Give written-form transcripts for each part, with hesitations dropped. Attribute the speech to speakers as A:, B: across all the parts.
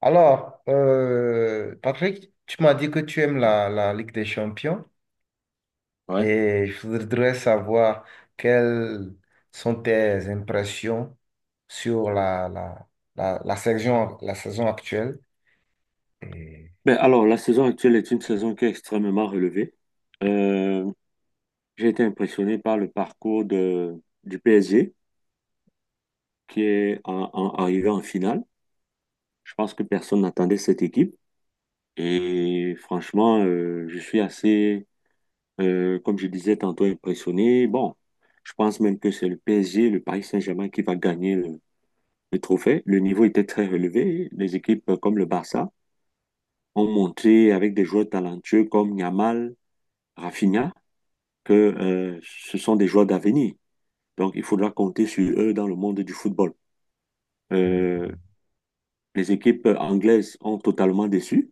A: Alors, Patrick, tu m'as dit que tu aimes la Ligue des Champions
B: Ouais.
A: et je voudrais savoir quelles sont tes impressions sur la saison actuelle. Et...
B: Alors, la saison actuelle est une saison qui est extrêmement relevée. Euh, j'ai été impressionné par le parcours du PSG qui est arrivé en finale. Je pense que personne n'attendait cette équipe. Et franchement, je suis assez, comme je disais tantôt, impressionné. Bon, je pense même que c'est le PSG, le Paris Saint-Germain qui va gagner le trophée. Le niveau était très relevé. Les équipes comme le Barça ont montré avec des joueurs talentueux comme Yamal, Rafinha. Que ce sont des joueurs d'avenir. Donc, il faudra compter sur eux dans le monde du football.
A: euh,
B: Euh, les équipes anglaises ont totalement déçu,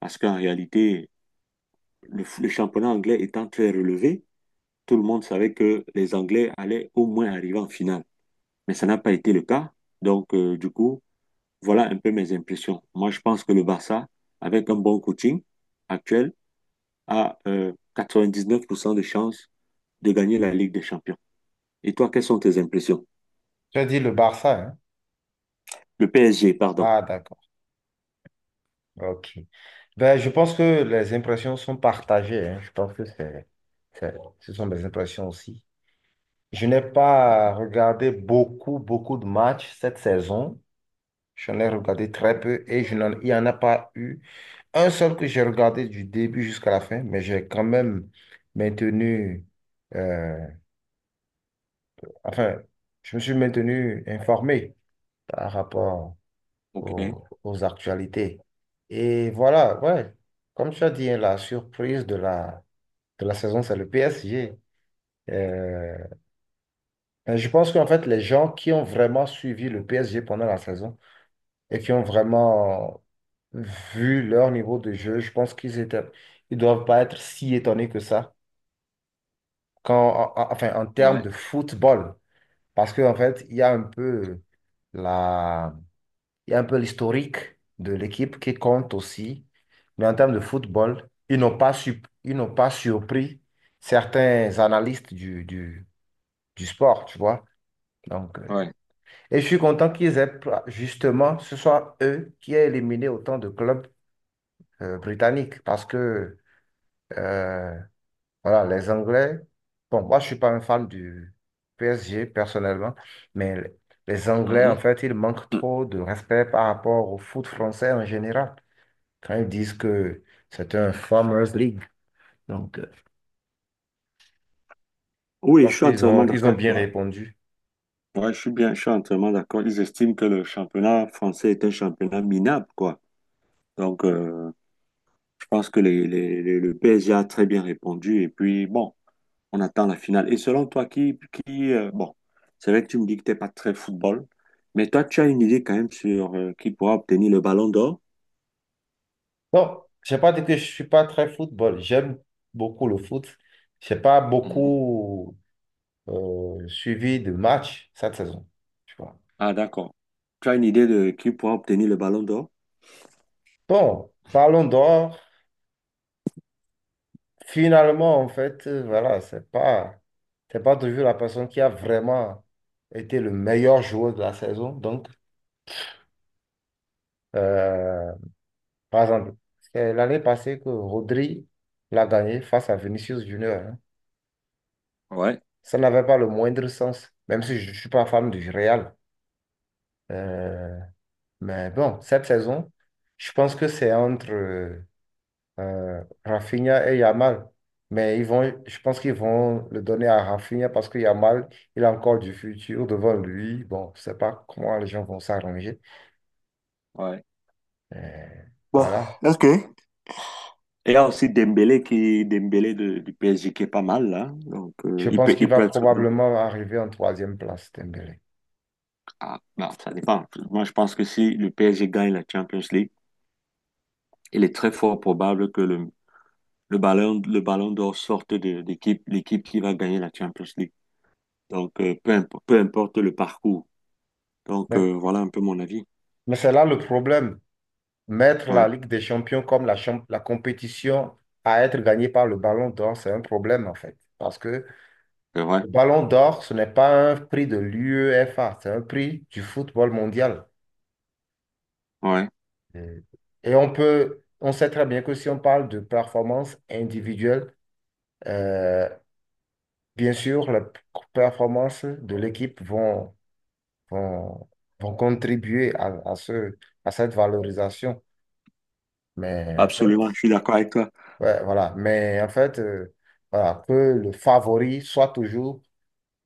B: parce qu'en réalité, le championnat anglais étant très relevé, tout le monde savait que les Anglais allaient au moins arriver en finale. Mais ça n'a pas été le cas. Donc, du coup, voilà un peu mes impressions. Moi, je pense que le Barça, avec un bon coaching actuel, a 99% de chances de gagner la Ligue des Champions. Et toi, quelles sont tes impressions?
A: Tu as dit le Barça, hein?
B: Le PSG, pardon.
A: Ah, d'accord. Ok. Ben, je pense que les impressions sont partagées, hein. Je pense que c'est- ce sont des impressions aussi. Je n'ai pas regardé beaucoup, beaucoup de matchs cette saison. J'en ai regardé très peu et il n'y en a pas eu un seul que j'ai regardé du début jusqu'à la fin, mais j'ai quand même maintenu, euh, enfin, je me suis maintenu informé par rapport
B: OK.
A: aux actualités. Et voilà, ouais, comme tu as dit, hein, la surprise de de la saison, c'est le PSG. Euh, je pense qu'en fait, les gens qui ont vraiment suivi le PSG pendant la saison, et qui ont vraiment vu leur niveau de jeu, je pense qu'ils étaient, ils doivent pas être si étonnés que ça. Quand, enfin, en termes de football, parce qu'en fait, il y a un peu la, il y a un peu l'historique de l'équipe qui compte aussi, mais en termes de football, ils n'ont pas surpris certains analystes du sport, tu vois. Donc,
B: Ouais.
A: et je suis content justement, ce soit eux qui aient éliminé autant de clubs britannique parce que euh, voilà, les Anglais, bon, moi je suis pas un fan du PSG personnellement, mais les Anglais, en
B: Mhm.
A: fait, ils manquent
B: Mm.
A: trop de respect par rapport au foot français en général quand ils disent que c'est un Farmers League. Donc, je
B: Oui, je
A: pense
B: suis entièrement
A: ils
B: d'accord
A: ont
B: avec
A: bien
B: toi.
A: répondu.
B: Ouais, je suis entièrement d'accord. Ils estiment que le championnat français est un championnat minable, quoi. Donc, je pense que le PSG a très bien répondu. Et puis, bon, on attend la finale. Et selon toi, qui bon, c'est vrai que tu me dis que t'es pas très football, mais toi, tu as une idée quand même sur qui pourra obtenir le ballon d'or?
A: Bon, je n'ai pas dit que je suis pas très football. J'aime beaucoup le foot. Je n'ai pas
B: Mhm.
A: beaucoup suivi de matchs cette saison, tu vois.
B: Ah, d'accord. Tu as une idée de qui pourra obtenir le ballon d'or?
A: Bon, Ballon d'Or, finalement, en fait, voilà, c'est pas toujours la personne qui a vraiment été le meilleur joueur de la saison. Donc, euh, par exemple, c'est l'année passée que Rodri l'a gagné face à Vinicius Junior, hein.
B: Ouais,
A: Ça n'avait pas le moindre sens, même si je ne suis pas fan du Real. Euh, mais bon, cette saison, je pense que c'est entre Rafinha et Yamal. Je pense qu'ils vont le donner à Rafinha parce que Yamal, il a encore du futur devant lui. Bon, je ne sais pas comment les gens vont s'arranger.
B: ouais.
A: Euh,
B: Bon,
A: voilà.
B: ok. Il y a aussi Dembélé du PSG qui est pas mal là. Donc
A: Je
B: il
A: pense
B: peut
A: qu'il
B: il peut
A: va
B: être bon.
A: probablement arriver en troisième place, Dembélé.
B: Ah, non, ça dépend. Moi je pense que si le PSG gagne la Champions League, il est très fort probable que le ballon d'or sorte de l'équipe qui va gagner la Champions League. Donc peu importe le parcours. Donc
A: Mais,
B: voilà un peu mon avis.
A: mais c'est là le problème. Mettre la
B: Ouais,
A: Ligue des Champions comme la compétition à être gagnée par le Ballon d'Or, c'est un problème en fait. Parce que
B: c'est vrai.
A: le Ballon d'Or, ce n'est pas un prix de l'UEFA, c'est un prix du football mondial.
B: Ouais.
A: Mm. Et on sait très bien que si on parle de performance individuelle, euh, bien sûr, les performances de l'équipe vont, vont contribuer à à cette valorisation. Mais en
B: Absolument, je
A: fait,
B: suis d'accord avec toi.
A: ouais, voilà. Mais en fait, voilà, que le favori soit toujours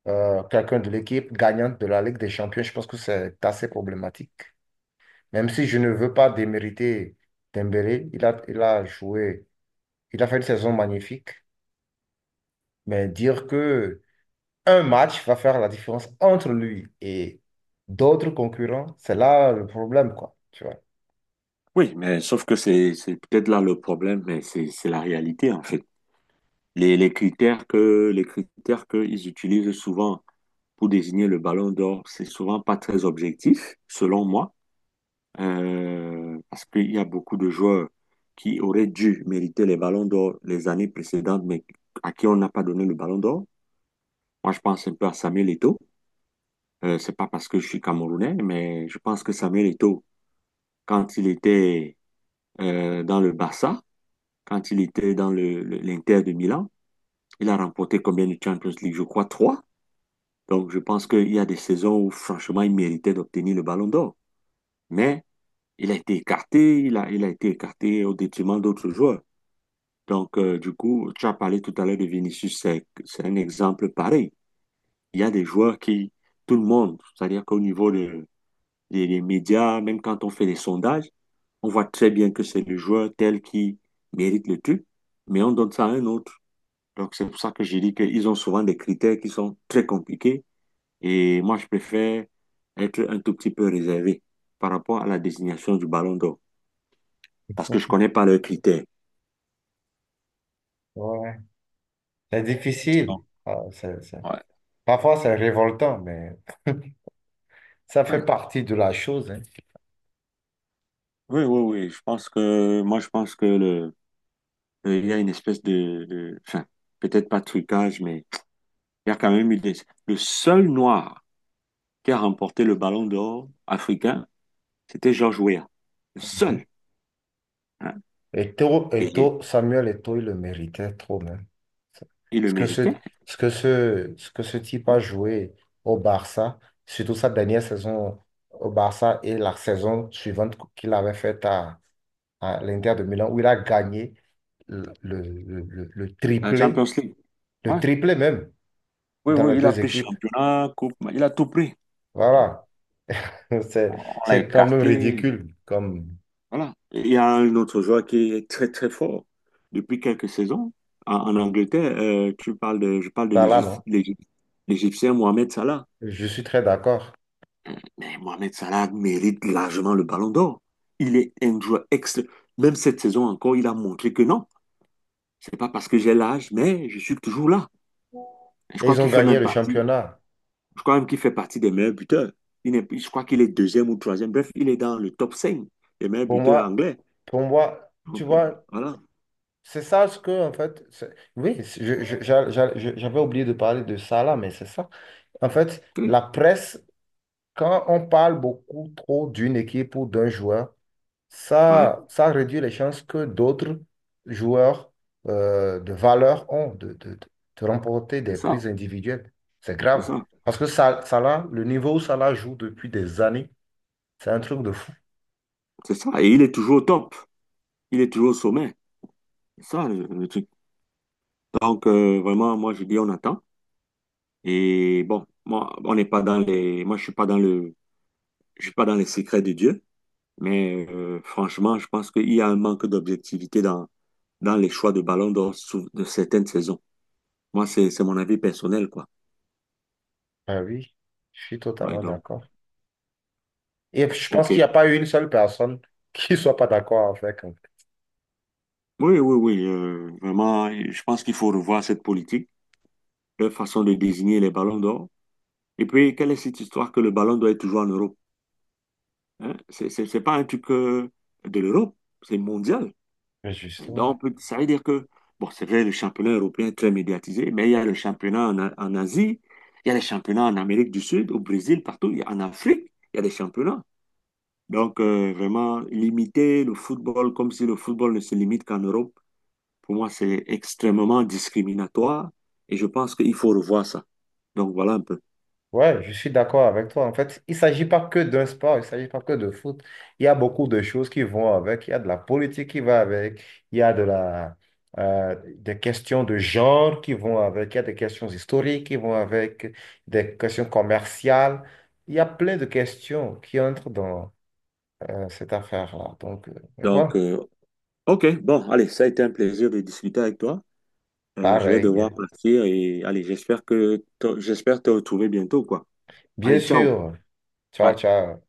A: quelqu'un de l'équipe gagnante de la Ligue des Champions, je pense que c'est assez problématique. Même si je ne veux pas démériter Dembélé, il a joué il a fait une saison magnifique, mais dire que un match va faire la différence entre lui et d'autres concurrents, c'est là le problème, quoi. Tu vois.
B: Oui, mais sauf que c'est peut-être là le problème, mais c'est la réalité en fait. Les critères qu'ils utilisent souvent pour désigner le ballon d'or, c'est souvent pas très objectif, selon moi, parce qu'il y a beaucoup de joueurs qui auraient dû mériter les ballons d'or les années précédentes, mais à qui on n'a pas donné le ballon d'or. Moi, je pense un peu à Samuel Eto'o. C'est pas parce que je suis Camerounais, mais je pense que Samuel Eto'o, quand il était dans le Barça, quand il était dans l'Inter de Milan, il a remporté combien de Champions League? Je crois 3. Donc, je pense qu'il y a des saisons où, franchement, il méritait d'obtenir le ballon d'or. Mais il a été écarté, il a été écarté au détriment d'autres joueurs. Donc, du coup, tu as parlé tout à l'heure de Vinicius, c'est un exemple pareil. Il y a des joueurs qui, tout le monde, c'est-à-dire qu'au niveau des médias, même quand on fait des sondages, on voit très bien que c'est le joueur tel qui mérite le truc, mais on donne ça à un autre. Donc, c'est pour ça que j'ai dit qu'ils ont souvent des critères qui sont très compliqués. Et moi, je préfère être un tout petit peu réservé par rapport à la désignation du Ballon d'Or parce que je connais pas leurs critères.
A: Ouais. C'est
B: Non.
A: difficile.
B: Ouais.
A: Parfois, c'est révoltant, mais ça fait
B: Ouais.
A: partie de la chose, hein.
B: Oui, oui, oui. Moi, je pense que il y a une espèce enfin, peut-être pas de trucage, mais il y a quand même eu, le seul noir qui a remporté le Ballon d'Or africain, c'était George Weah. Le
A: Mhm.
B: seul. Hein. Et
A: Samuel Eto, il le méritait trop, même.
B: il le
A: Ce que ce,
B: méritait.
A: Ce que ce type a
B: Hein.
A: joué au Barça, surtout sa dernière saison au Barça et la saison suivante qu'il avait faite à l'Inter de Milan, où il a gagné le, le, le- le- le
B: La
A: triplé,
B: Champions League.
A: le
B: Ouais.
A: triplé même,
B: Oui,
A: dans les
B: oui, il a
A: deux
B: pris
A: équipes.
B: championnat, coupe, il a tout pris.
A: Voilà. C'est,
B: On l'a
A: c'est quand même
B: écarté.
A: ridicule comme
B: Voilà. Il y a un autre joueur qui est très très fort depuis quelques saisons en, en Angleterre. Euh, tu parles de, je parle de
A: ça là,
B: l'Égyp-
A: non?
B: l'Égyp- l'Égyptien Mohamed Salah.
A: Je suis très d'accord.
B: Mais Mohamed Salah mérite largement le Ballon d'Or. Il est un joueur excellent. Même cette saison encore, il a montré que non, c'est pas parce que j'ai l'âge, mais je suis toujours là. Et je
A: Et
B: crois
A: ils ont
B: qu'il fait
A: gagné
B: même
A: le
B: partie.
A: championnat.
B: Je crois même qu'il fait partie des meilleurs buteurs. Il n'est- Je crois qu'il est deuxième ou troisième. Bref, il est dans le top 5 des meilleurs
A: Pour
B: buteurs
A: moi,
B: anglais.
A: pour moi, tu
B: Donc
A: vois,
B: voilà.
A: c'est ça ce que, en fait, c'est- oui, c'est- je- j'a- j'a- je- j'avais oublié de parler de ça là, mais c'est ça. En fait,
B: Oui,
A: la presse, quand on parle beaucoup trop d'une équipe ou d'un joueur,
B: ouais,
A: ça réduit les chances que d'autres joueurs de valeur ont de remporter
B: c'est
A: des
B: ça.
A: prises individuelles. C'est
B: C'est
A: grave.
B: ça,
A: Parce que ça là, le niveau où ça là joue depuis des années, c'est un truc de fou.
B: c'est ça. Et il est toujours au top. Il est toujours au sommet. C'est ça le truc. Donc, vraiment, moi, je dis, on attend. Et bon, moi, on n'est pas dans les. Moi, je suis pas dans le. je suis pas dans les secrets de Dieu. Mais franchement, je pense qu'il y a un manque d'objectivité dans les choix de ballon d'or de certaines saisons. Moi, c'est mon avis personnel, quoi.
A: Ah oui, je suis
B: Ouais,
A: totalement
B: donc,
A: d'accord. Et je pense qu'il
B: OK.
A: n'y a pas une seule personne qui ne soit pas d'accord avec, en fait.
B: Oui, oui, oui. Vraiment, je pense qu'il faut revoir cette politique, leur façon de désigner les ballons d'or. Et puis, quelle est cette histoire que le ballon d'or est toujours en Europe? Hein, c'est pas un truc de l'Europe, c'est mondial.
A: Mais justement.
B: Ça veut dire que, bon, c'est vrai, le championnat européen est très médiatisé, mais il y a le championnat en Asie, il y a les championnats en Amérique du Sud, au Brésil, partout, en Afrique, il y a des championnats. Donc, vraiment, limiter le football comme si le football ne se limite qu'en Europe, pour moi, c'est extrêmement discriminatoire et je pense qu'il faut revoir ça. Donc, voilà un peu.
A: Ouais, je suis d'accord avec toi. En fait, il ne s'agit pas que d'un sport, il ne s'agit pas que de foot. Il y a beaucoup de choses qui vont avec. Il y a de la politique qui va avec. Il y a de des questions de genre qui vont avec. Il y a des questions historiques qui vont avec. Des questions commerciales. Il y a plein de questions qui entrent dans cette affaire-là. Donc, mais
B: Donc,
A: bon,
B: OK, bon, allez, ça a été un plaisir de discuter avec toi. Je vais devoir
A: pareil.
B: partir et allez, j'espère te retrouver bientôt, quoi.
A: Bien
B: Allez, ciao.
A: sûr. Ciao,
B: Ouais.
A: ciao.